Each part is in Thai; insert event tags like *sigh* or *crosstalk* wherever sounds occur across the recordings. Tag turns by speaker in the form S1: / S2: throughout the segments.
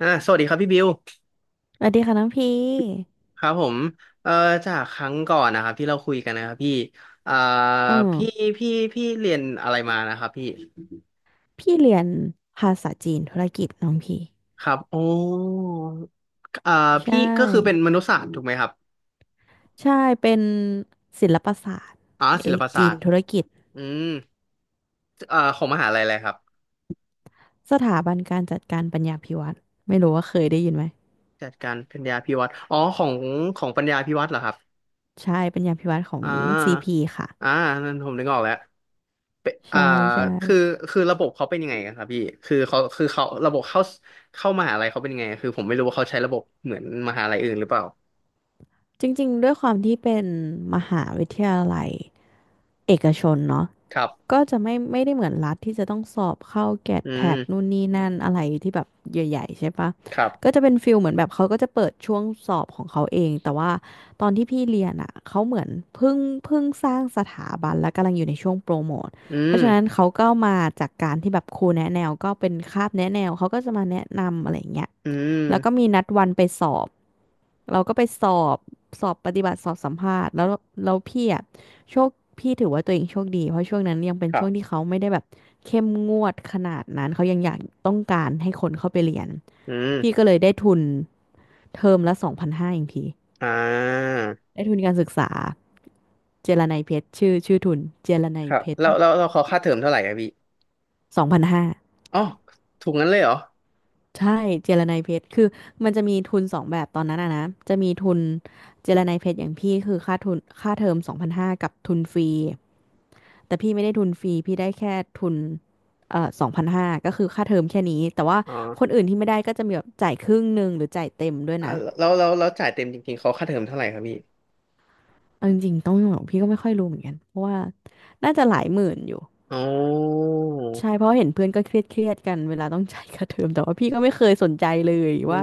S1: อ่าสวัสดีครับพี่บิว
S2: สวัสดีค่ะน้องพี่
S1: ครับผมเอ่อจากครั้งก่อนนะครับที่เราคุยกันนะครับพี่อ่า
S2: อืม
S1: พี่พี่พี่เรียนอะไรมานะครับพี่
S2: พี่เรียนภาษาจีนธุรกิจน้องพี่
S1: ครับโอ้อ่า
S2: ใช่
S1: พี่ก็คือเป็นมนุษยศาสตร์ถูกไหมครับ
S2: ใช่ เป็นศิลปศาสตร์
S1: อ๋อศิ
S2: เอ
S1: ล
S2: ก
S1: ปศา
S2: จี
S1: ส
S2: น
S1: ตร์
S2: ธุรกิจ
S1: อืมของมหาลัยอะไรครับ
S2: สถาบันการจัดการปัญญาภิวัฒน์ไม่รู้ว่าเคยได้ยินไหม
S1: จัดการปัญญาภิวัฒน์อ๋อของของปัญญาภิวัฒน์เหรอครับ
S2: ใช่ปัญญาภิวัฒน์ของ
S1: อ่า
S2: CP ค่ะ
S1: อ่านั่นผมนึกออกแล้ว เป็น
S2: ใช่ใช่
S1: คือระบบเขาเป็นยังไงกันครับพี่คือเขาระบบเข้าเข้ามหาลัยเขาเป็นยังไงคือผมไม่รู้ว่าเขาใช้ระบบเหมือนมหาลัยอื่นหรือเปล่า
S2: จริงๆด้วยความที่เป็นมหาวิทยาลัยเอกชนเนาะ
S1: ครับ
S2: ก็จะไม่ได้เหมือนรัฐที่จะต้องสอบเข้าแกด
S1: อื
S2: แพดนู่
S1: ม
S2: นนี่นั่นอะไรที่แบบใหญ่ๆใช่ปะ
S1: ครั
S2: ก็
S1: บ
S2: จะเป็นฟิลเหมือนแบบเขาก็จะเปิดช่วงสอบของเขาเองแต่ว่าตอนที่พี่เรียนอ่ะเขาเหมือนเพิ่งเพิ่งสร้างสถาบันและกำลังอยู่ในช่วงโปรโมท
S1: อื
S2: เพราะ
S1: ม
S2: ฉะนั้นเขาก็มาจากการที่แบบครูแนะแนวก็เป็นคาบแนะแนวเขาก็จะมาแนะนำอะไรอย่างเงี้ย
S1: อืม
S2: แล้วก็มีนัดวันไปสอบ เราก็ไปสอบสอบปฏิบัติสอบสัมภาษณ์แล้วแล้วพี่อะโชคพี่ถือว่าตัวเองโชคดีเพราะช่วงนั้นยังเป็น
S1: ครั
S2: ช่วง
S1: บ
S2: ที่เขาไม่ได้แบบเข้มงวดขนาดนั้นเขายังอยากต้องการให้คนเข้าไปเรียน
S1: อืม
S2: พี่ก็เลยได้ทุนเทอมละสองพันห้าเองพี่
S1: อ่า
S2: ได้ทุนการศึกษาเจรนัยเพชรชื่อทุนเจรนั
S1: ค
S2: ย
S1: รับ
S2: เพชร
S1: แล้วเราเขาค่าเทอมเท่าไหร่อะพี่
S2: สองพันห้า
S1: อ๋อถูกงั้นเลยเหรอ
S2: ใช่เจรไนยเพชรคือมันจะมีทุนสองแบบตอนนั้นอะนะจะมีทุนเจรไนยเพชรอย่างพี่คือค่าทุนค่าเทอมสองพันห้ากับทุนฟรีแต่พี่ไม่ได้ทุนฟรีพี่ได้แค่ทุนสองพันห้าก็คือค่าเทอมแค่นี้แต่ว่า
S1: อ๋อ
S2: คนอื่นที่ไม่ได้ก็จะมีแบบจ่ายครึ่งหนึ่งหรือจ่ายเต็มด้วย
S1: อ่า
S2: นะ
S1: แล้วจ่ายเต็มจริงๆเขาค่าเทอมเท่าไหร่ครับพี่
S2: เอาจริงๆต้องบอกพี่ก็ไม่ค่อยรู้เหมือนกันเพราะว่าน่าจะหลายหมื่นอยู่
S1: อ๋อ
S2: ใช่เพราะเห็นเพื่อนก็เครียดกันเวลาต้องจ่ายค่าเทอมแต่ว่าพี่ก็ไม่เคยสนใจเลย
S1: อื
S2: ว่า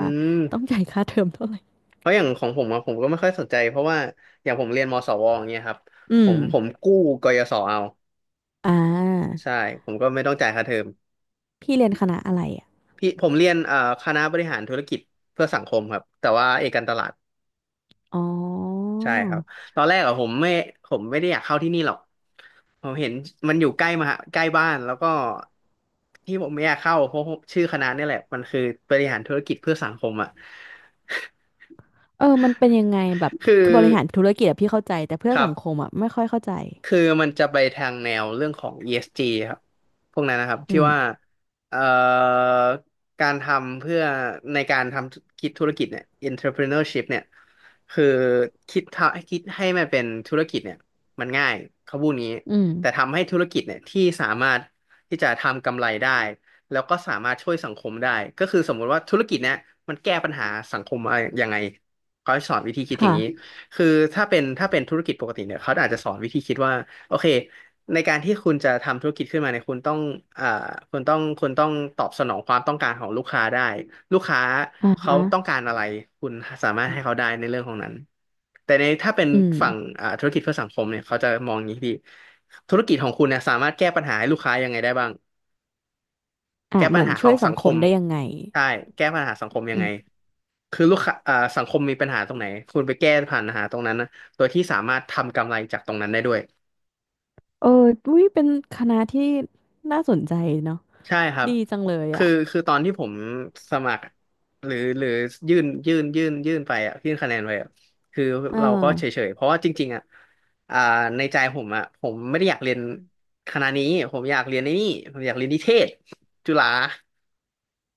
S2: ต้อง
S1: ม
S2: จ่ายค่าเทอมเท่าไหร่
S1: เพราะอย่างของผมอะผมก็ไม่ค่อยสนใจเพราะว่าอย่างผมเรียนมสวอย่างเงี้ยครับ
S2: อื
S1: ผ
S2: ม
S1: มผมกู้กยศเอา
S2: อ่
S1: ใช่
S2: า
S1: ผมก็ไม่ต้องจ่ายค่าเทอม
S2: พี่เรียนคณะอะไรอ่ะ
S1: พี่ผมเรียนคณะบริหารธุรกิจเพื่อสังคมครับแต่ว่าเอกการตลาด
S2: อ๋อ
S1: ใช่ครับตอนแรกอะผมไม่ได้อยากเข้าที่นี่หรอกผมเห็นมันอยู่ใกล้มหาใกล้บ้านแล้วก็ที่ผมไม่อยากเข้าเพราะชื่อคณะเนี่ยแหละมันคือบริหารธุรกิจเพื่อสังคมอะ
S2: เออมันเป็นยังไงแบบ
S1: คือ
S2: คือบริหารธุรกิจอะพี่เข้าใจแต่เพื่
S1: ค
S2: อ
S1: รั
S2: สังคม
S1: บ
S2: อ่ะไม่ค่อยเข้าใจ
S1: คือมันจะไปทางแนวเรื่องของ ESG ครับพวกนั้นนะครับ
S2: อื
S1: ที่ว่า
S2: ม
S1: เอ่อการทำเพื่อในการทำคิดธุรกิจเนี่ย entrepreneurship เนี่ยคือคิดทำคิดให้มันเป็นธุรกิจเนี่ยมันง่ายเขาพูดงี้
S2: อืม
S1: แต่ทำให้ธุรกิจเนี่ยที่สามารถที่จะทำกำไรได้แล้วก็สามารถช่วยสังคมได้ก็คือสมมุติว่าธุรกิจเนี่ยมันแก้ปัญหาสังคมอะไรยังไงเขาให้สอนวิธีคิดอย่างนี้
S2: ค่ะ
S1: คือถ้าเป็นธุรกิจปกติเนี่ยเขาอาจจะสอนวิธีคิดว่าโอเคในการที่คุณจะทำธุรกิจขึ้นมาเนี่ยคุณต้องอ่าคุณต้องตอบสนองความต้องการของลูกค้าได้ลูกค้า
S2: อ่า
S1: เขา
S2: ฮะ
S1: ต้องการอะไรคุณสามารถให้เขาได้ในเรื่องของนั้นแต่ในถ้าเป็น
S2: อืม
S1: ฝั่งธุรกิจเพื่อสังคมเนี่ยเขาจะมองอย่างนี้ดีธุรกิจของคุณเนี่ยสามารถแก้ปัญหาให้ลูกค้ายังไงได้บ้าง
S2: อ่ะ
S1: แก้
S2: เห
S1: ปั
S2: มื
S1: ญ
S2: อน
S1: หาข
S2: ช่
S1: อ
S2: วย
S1: ง
S2: สั
S1: สั
S2: ง
S1: งค
S2: คม
S1: ม
S2: ได้ยังไง
S1: ใช่แก้ปัญหาสังคมยั
S2: อื
S1: งไง
S2: ม
S1: คือลูกค้าสังคมมีปัญหาตรงไหนคุณไปแก้ผ่านปัญหาตรงนั้นนะโดยที่สามารถทำกำไรจากตรงนั้นได้ด้วย
S2: เอออุ้ยเป็นคณะที่น่าสนใจเนาะ
S1: ใช่ครับ
S2: ดีจังเลยอ่ะ
S1: คือตอนที่ผมสมัครหรือยื่นไปอ่ะยื่นคะแนนไปอ่ะคือ
S2: เออ
S1: เราก็เฉยๆเพราะว่าจริงๆอ่ะอ่าในใจผมอ่ะผมไม่ได้อยากเรียนคณะนี้ผมอยากเรียนไนนี่ผมอยากเรียนนิเทศจุฬา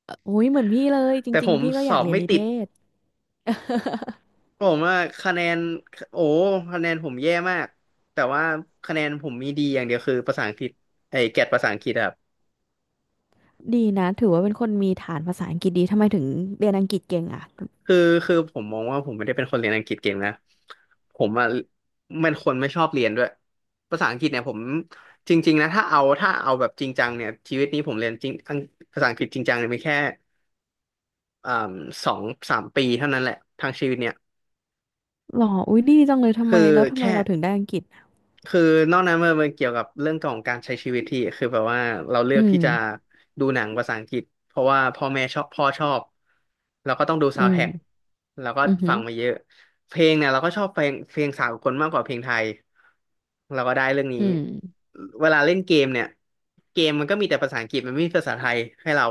S2: อุ้ยเหมือนพี่เลยจ
S1: แต่
S2: ริ
S1: ผ
S2: ง
S1: ม
S2: ๆพี่ก็
S1: ส
S2: อยา
S1: อ
S2: ก
S1: บ
S2: เรียน
S1: ไม่
S2: นิเท
S1: ติด
S2: ศ
S1: ผมว่าคะแนนโอ้คะแนนผมแย่มากแต่ว่าคะแนนผมมีดีอย่างเดียวคือภาษาอังกฤษไอ้แกรดภาษาอังกฤษอะครับ
S2: ดีนะถือว่าเป็นคนมีฐานภาษาอังกฤษดีทำไมถึงเรียนอังกฤษเก่งอ่ะ
S1: คือคือผมมองว่าผมไม่ได้เป็นคนเรียนอังกฤษเก่งนะผมอะเป็นคนไม่ชอบเรียนด้วยภาษาอังกฤษเนี่ยผมจริงๆนะถ้าเอาแบบจริงจังเนี่ยชีวิตนี้ผมเรียนจริงอังภาษาอังกฤษจริงจังเนี่ยมีแค่อ่าสองสามปีเท่านั้นแหละทางชีวิตเนี่ย
S2: หรออุ้ยดีจังเลยทำ
S1: คื
S2: ไม
S1: อ
S2: แล้วทำไม
S1: แค่
S2: เราถึงได้อังกฤษอะ
S1: คือนอกนั้นมันเกี่ยวกับเรื่องของการใช้ชีวิตที่คือแบบว่าเราเลื
S2: อื
S1: อกที่
S2: ม
S1: จะดูหนังภาษาอังกฤษเพราะว่าพ่อแม่ชอบพ่อชอบเราก็ต้องดู
S2: อื
S1: ซาว n d t ท
S2: ม
S1: a c k เราก็
S2: อือหื
S1: ฟั
S2: อ
S1: งมาเยอะเพลงเนี่ยเราก็ชอบเพลงสากลมากกว่าเพลงไทยเราก็ได้เรื่องนี้
S2: อืม
S1: เวลาเล่นเกมเนี่ยเกมมันก็มีแต่ภาษาอังกฤษมันไม่มีภาษาไทยให้เรา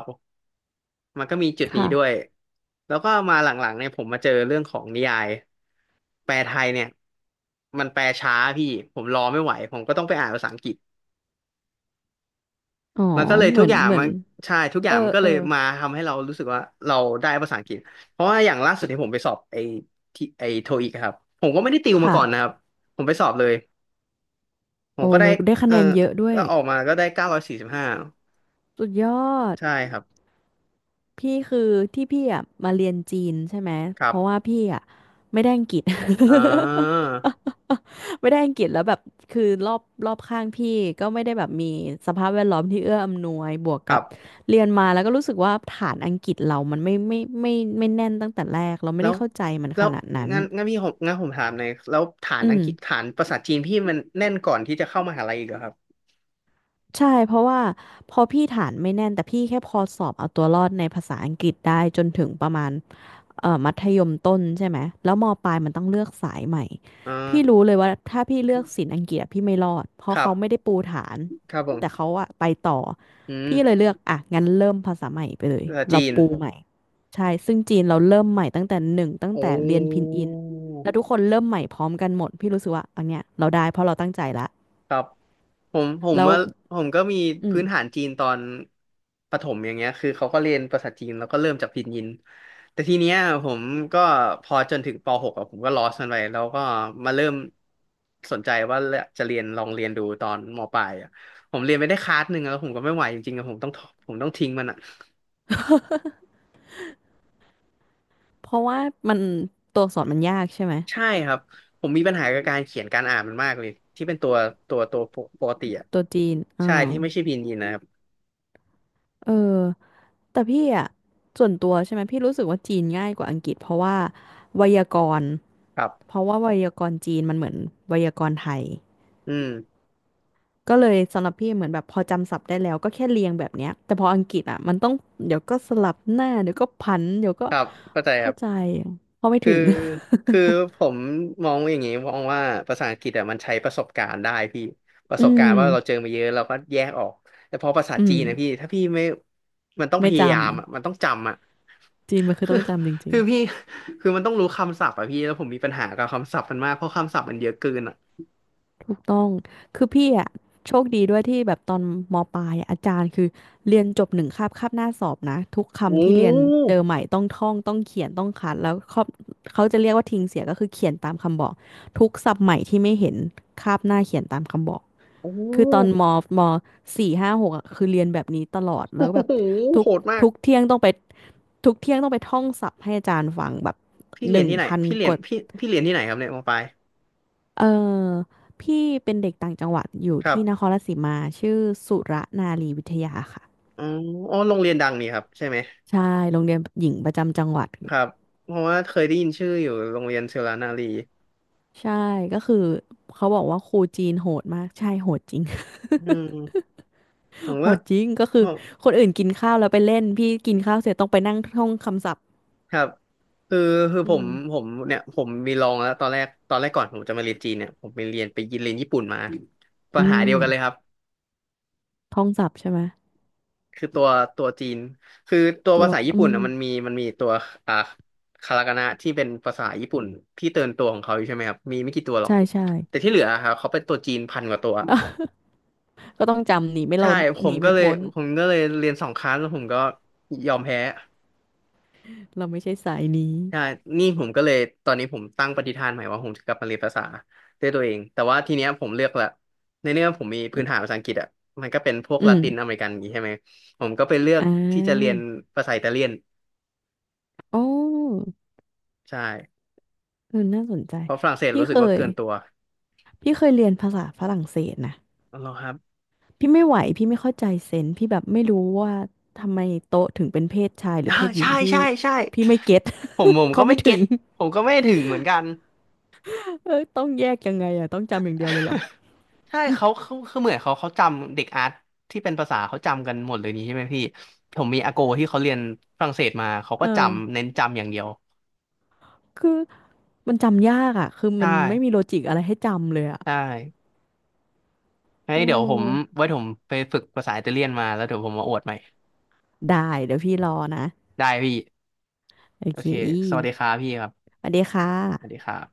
S1: มันก็มีจุดนี้ด้วย
S2: ค่ะ
S1: แล้วก็มาหลังๆเนี่ยผมมาเจอเรื่องของนิยายแปลไทยเนี่ยมันแปลช้าพี่ผมรอไม่ไหวผมก็ต้องไปอ่านภาษาอังกฤษ
S2: อ๋อ
S1: มันก็เลย
S2: เหมื
S1: ทุก
S2: อน
S1: อย่าง
S2: เหมือ
S1: มั
S2: น
S1: นใช่ทุกอ
S2: เอ
S1: ย่า
S2: อ
S1: งมันก็
S2: เอ
S1: เล
S2: อ
S1: ยมาทำให้เรารู้สึกว่าเราได้ภาษาอังกฤษเพราะว่าอย่างล่าสุดที่ผมไปสอบที่ไอโทอีกครับผมก็ไม่ได้ติวมาก่อนนะค
S2: ค่ะ
S1: รับผมไปสอบเลยผม
S2: โอ้
S1: ก็ได้
S2: เราได้คะ
S1: เออ
S2: แนนเยอะด้วย
S1: ก็ออกมาก็ได้945
S2: สุดยอด
S1: ใช่ครับ
S2: พี่คือที่พี่อ่ะมาเรียนจีนใช่ไหม
S1: ค
S2: เพ
S1: รั
S2: ราะว่า
S1: บ
S2: พี่อ่ะไม่ได้อังกฤษ
S1: อ่า
S2: *laughs* ไม่ได้อังกฤษแล้วแบบ คือรอบข้างพี่ก็ไม่ได้แบบมีสภาพแวดล้อมที่เอื้ออำนวยบวก
S1: ค
S2: กั
S1: รั
S2: บ
S1: บ
S2: เรียนมาแล้วก็รู้สึกว่าฐานอังกฤษเรามันไม่แน่นตั้งแต่แรกเราไม่
S1: แล้
S2: ได้
S1: ว
S2: เข้าใจมัน
S1: แล้
S2: ข
S1: ว
S2: นาดนั้น
S1: งั้นงั้นพี่ผมผมถามหน่อยแล้วฐาน
S2: อื
S1: อัง
S2: ม
S1: กฤษฐานภาษาจีนพี่มันแน่นก่อนที่จะเข้ามหาลัยอีกเหรอครับ
S2: ใช่เพราะว่าพอพี่ฐานไม่แน่นแต่พี่แค่พอสอบเอาตัวรอดในภาษาอังกฤษได้จนถึงประมาณมัธยมต้นใช่ไหมแล้วมปลายมันต้องเลือกสายใหม่
S1: อ่
S2: พี่รู้
S1: า
S2: เลยว่าถ้าพี่เลือกศิลป์อังกฤษอะพี่ไม่รอดเพ
S1: ค
S2: ราะ
S1: รั
S2: เขาไม่
S1: บ
S2: ได้ปูฐาน
S1: ครับผ
S2: แต่
S1: ม
S2: เขาอะไปต่อ
S1: อืม
S2: พี่เลยเลือกอ่ะงั้นเริ่มภาษาใหม่ไปเลย
S1: ภาษา
S2: เรา
S1: จีน
S2: ปูใหม่ใช่ซึ่งจีนเราเริ่มใหม่ตั้งแต่หนึ่งตั้ง
S1: โอ้
S2: แต่เรียนพินอินแล้วทุกคนเริ่มใหม่พร้อมกันหมดพี่รู้สึกว่าอันเนี้ยเราได้เพราะเราตั้งใจละ
S1: ครับผม
S2: แล้ว
S1: ว่าผมก็มี
S2: อืม
S1: พื้นฐานจีนตอนประถมอย่างเงี้ยคือเขาก็เรียนภาษาจีนแล้วก็เริ่มจากพินยินแต่ทีเนี้ยผมก็พอจนถึงปหกอะผมก็ลอสมันไปแล้วก็มาเริ่มสนใจว่าจะเรียนลองเรียนดูตอนมปลายอะผมเรียนไปได้คลาสหนึ่งแล้วผมก็ไม่ไหวจริงๆอะผมต้องทิ้งมันอะ
S2: เพราะว่ามันตัวอักษรมันยากใช่ไหม
S1: ใช่ครับผมมีปัญหากับการเขียนการอ่านมันมากเลยที่เป็นตัวปกติอะ
S2: ตัวจีนอ่
S1: ใช่
S2: า
S1: ที่ไม่ใช่พินยินนะครับ
S2: เออแต่พี่อ่ะส่วนตัวใช่ไหมพี่รู้สึกว่าจีนง่ายกว่าอังกฤษเพราะว่าไวยากรณ์
S1: ครับ
S2: เพราะว่าไวยากรณ์จีนมันเหมือนไวยากรณ์ไทย
S1: อืม
S2: ก็เลยสำหรับพี่เหมือนแบบพอจำศัพท์ได้แล้วก็แค่เรียงแบบเนี้ยแต่พออังกฤษอ่ะมันต้องเดี๋ยวก็สลับหน้าเดี๋ยวก็พันเดี๋ยวก็
S1: ครับเข้าใจ
S2: ไม่
S1: ครั
S2: เข้าใจ
S1: บ
S2: เพราะไม่
S1: คื
S2: ถึ
S1: อ
S2: ง
S1: คือผมมองอย่างนี้มองว่าภาษาอังกฤษอะมันใช้ประสบการณ์ได้พี่ป
S2: *laughs*
S1: ระ
S2: อื
S1: สบการ
S2: ม
S1: ณ์ว่าเราเจอมาเยอะเราก็แยกออกแต่พอภาษา
S2: อื
S1: จี
S2: ม
S1: นนะพี่ถ้าพี่ไม่มันต้องพ
S2: ไม่จ
S1: ยายามอะมันต้องจำอะ
S2: ำจีนมันคื
S1: *laughs*
S2: อ
S1: คื
S2: ต้
S1: อ
S2: องจำจริง
S1: คือพี่คือมันต้องรู้คำศัพท์อะพี่แล้วผมมีปัญหากับคำศัพท์มันมากเพราะคำศัพท์มันเยอะเกินอะ
S2: ถูกต้องคือพี่อ่ะโชคดีด้วยที่แบบตอนมปลายอะอาจารย์คือเรียนจบหนึ่งคาบคาบหน้าสอบนะทุก
S1: โอ้
S2: คำที่เรียนเจอใหม่ต้องท่องต้องเขียนต้องคัดแล้วเขาเขาจะเรียกว่าทิ้งเสียก็คือเขียนตามคำบอกทุกศัพท์ใหม่ที่ไม่เห็นคาบหน้าเขียนตามคำบอก
S1: โอ้
S2: คือตอนมมสี่ห้าหกอ่ะคือเรียนแบบนี้ตลอดแล้
S1: โอ้
S2: วแบบ
S1: โห
S2: ทุก
S1: โหดมาก
S2: ทุกเที่ยงต้องไปทุกเที่ยงต้องไปท่องศัพท์ให้อาจารย์ฟังแบบ
S1: พี่
S2: ห
S1: เรียน
S2: นึ่ง
S1: ที่ไหน
S2: พัน
S1: พี่เรี
S2: ก
S1: ยน
S2: ว่า
S1: พี่พี่เรียนที่ไหนครับเนี่ยมอปลาย
S2: เออพี่เป็นเด็กต่างจังหวัดอยู่
S1: ครั
S2: ที่นค
S1: บ
S2: รราชสีมาชื่อสุรนารีวิทยาค่ะ
S1: อ๋ออ๋อโรงเรียนดังนี่ครับใช่ไหม
S2: ใช่โรงเรียนหญิงประจำจังหวัด
S1: ครับเพราะว่าเคยได้ยินชื่ออยู่โรงเรียนเชลานารี
S2: ใช่ก็คือเขาบอกว่าครูจีนโหดมากใช่โหดจริง
S1: อืมผม
S2: *laughs* โห
S1: ว่า
S2: ดจริงก็
S1: ผ
S2: คือ
S1: ม
S2: คนอื่นกินข้าวแล้วไปเล่นพี่กินข้าวเสร็จต้องไปนั่งท่องคำศัพท์
S1: ครับคือคือผ
S2: อื
S1: ม
S2: ม
S1: ผมเนี่ยผมมีลองแล้วตอนแรกก่อนผมจะมาเรียนจีนเนี่ยผมไปเรียนไปยินเรียนญี่ปุ่นมาปั
S2: อื
S1: ญหา
S2: ม
S1: เดียวกันเลยครับ
S2: ท่องศัพท์ใช่ไหม
S1: คือตัวจีนคือตัว
S2: ตั
S1: ภา
S2: ว
S1: ษาญี่
S2: อื
S1: ปุ่น
S2: ม
S1: อ่ะมันมีตัวอ่าคาตาคานะที่เป็นภาษาญี่ปุ่นที่เติมนตัวของเขาอยู่ใช่ไหมครับมีไม่กี่ตัวหรอก
S2: ใช่ใช่
S1: แต่ที่เหลืออะครับเขาเป็นตัวจีนพันกว่าตัว
S2: *laughs* ก็ต้องจำหนีไม่
S1: ใช่
S2: ล้น
S1: ผ
S2: ห
S1: ม
S2: นี
S1: ก็
S2: ไม่
S1: เลย
S2: พ้น
S1: ผมก็เลยเรียนสองครั้งแล้วผมก็ยอมแพ้
S2: เราไม่ใช่สายนี้
S1: ใช่นี่ผมก็เลยตอนนี้ผมตั้งปณิธานใหม่ว่าผมจะกลับมาเรียนภาษาด้วยตัวเองแต่ว่าทีเนี้ยผมเลือกละในเรื่องผมมีพื้นฐานภาษาอังกฤษอ่ะมันก็เป็นพวก
S2: อื
S1: ลา
S2: ม
S1: ตินอเมริกันอย่างงี้ใช่ไหมผมก็ไปเลือก
S2: อ่
S1: ที่จะเรียน
S2: า
S1: ภาษาอิตาเลียน
S2: โอ้
S1: ใช่
S2: เออน่าสนใจ
S1: เพราะฝรั่งเศส
S2: พี่
S1: รู้สึ
S2: เค
S1: กว่า
S2: ย
S1: เกินตัว
S2: พี่เคยเรียนภาษาฝรั่งเศสนะ
S1: อ๋อเหรอครับ
S2: พี่ไม่ไหวพี่ไม่เข้าใจเซนส์พี่แบบไม่รู้ว่าทำไมโต๊ะถึงเป็นเพศชายหรือ
S1: อ่า
S2: เพศหญิ
S1: ใช่
S2: งพี่
S1: ใช่ใช่
S2: พี่ไม่เก็ต
S1: ผมผ
S2: *laughs*
S1: ม
S2: เขา
S1: ก็ไม่
S2: ไม่
S1: เก็
S2: ถึ
S1: ต
S2: ง
S1: ผมก็ไม่ถึงเหมือนกัน
S2: เออต้องแยกยังไงอ่ะต้องจำอย่างเดียวเลยเหรอ
S1: *laughs* ใช่เขาคือเหมือนเขาจำเด็กอาร์ตที่เป็นภาษาเขาจำกันหมดเลยนี่ใช่ไหมพี่ผมมีอาโกที่เขาเรียนฝรั่งเศสมาเขา
S2: *laughs*
S1: ก็
S2: เออ
S1: จำเน้นจำอย่างเดียว
S2: คือมันจำยากอ่ะคือ
S1: ใช
S2: มันไม่มี
S1: ่
S2: โลจิกอะไรให้จำเลยอ่ะ
S1: ใช่งั้น
S2: อือ
S1: เดี๋ยวผมไว้ผมไปฝึกภาษาอิตาเลียนมาแล้วเดี๋ยวผมมาอวดใหม่
S2: ได้เดี๋ยวพี่รอนะ
S1: ได้พี่
S2: โอ
S1: โอ
S2: เค
S1: เคสวัสดีครับพี่ครับ
S2: สวัสดีค่
S1: สวัสดี
S2: ะ
S1: ครับ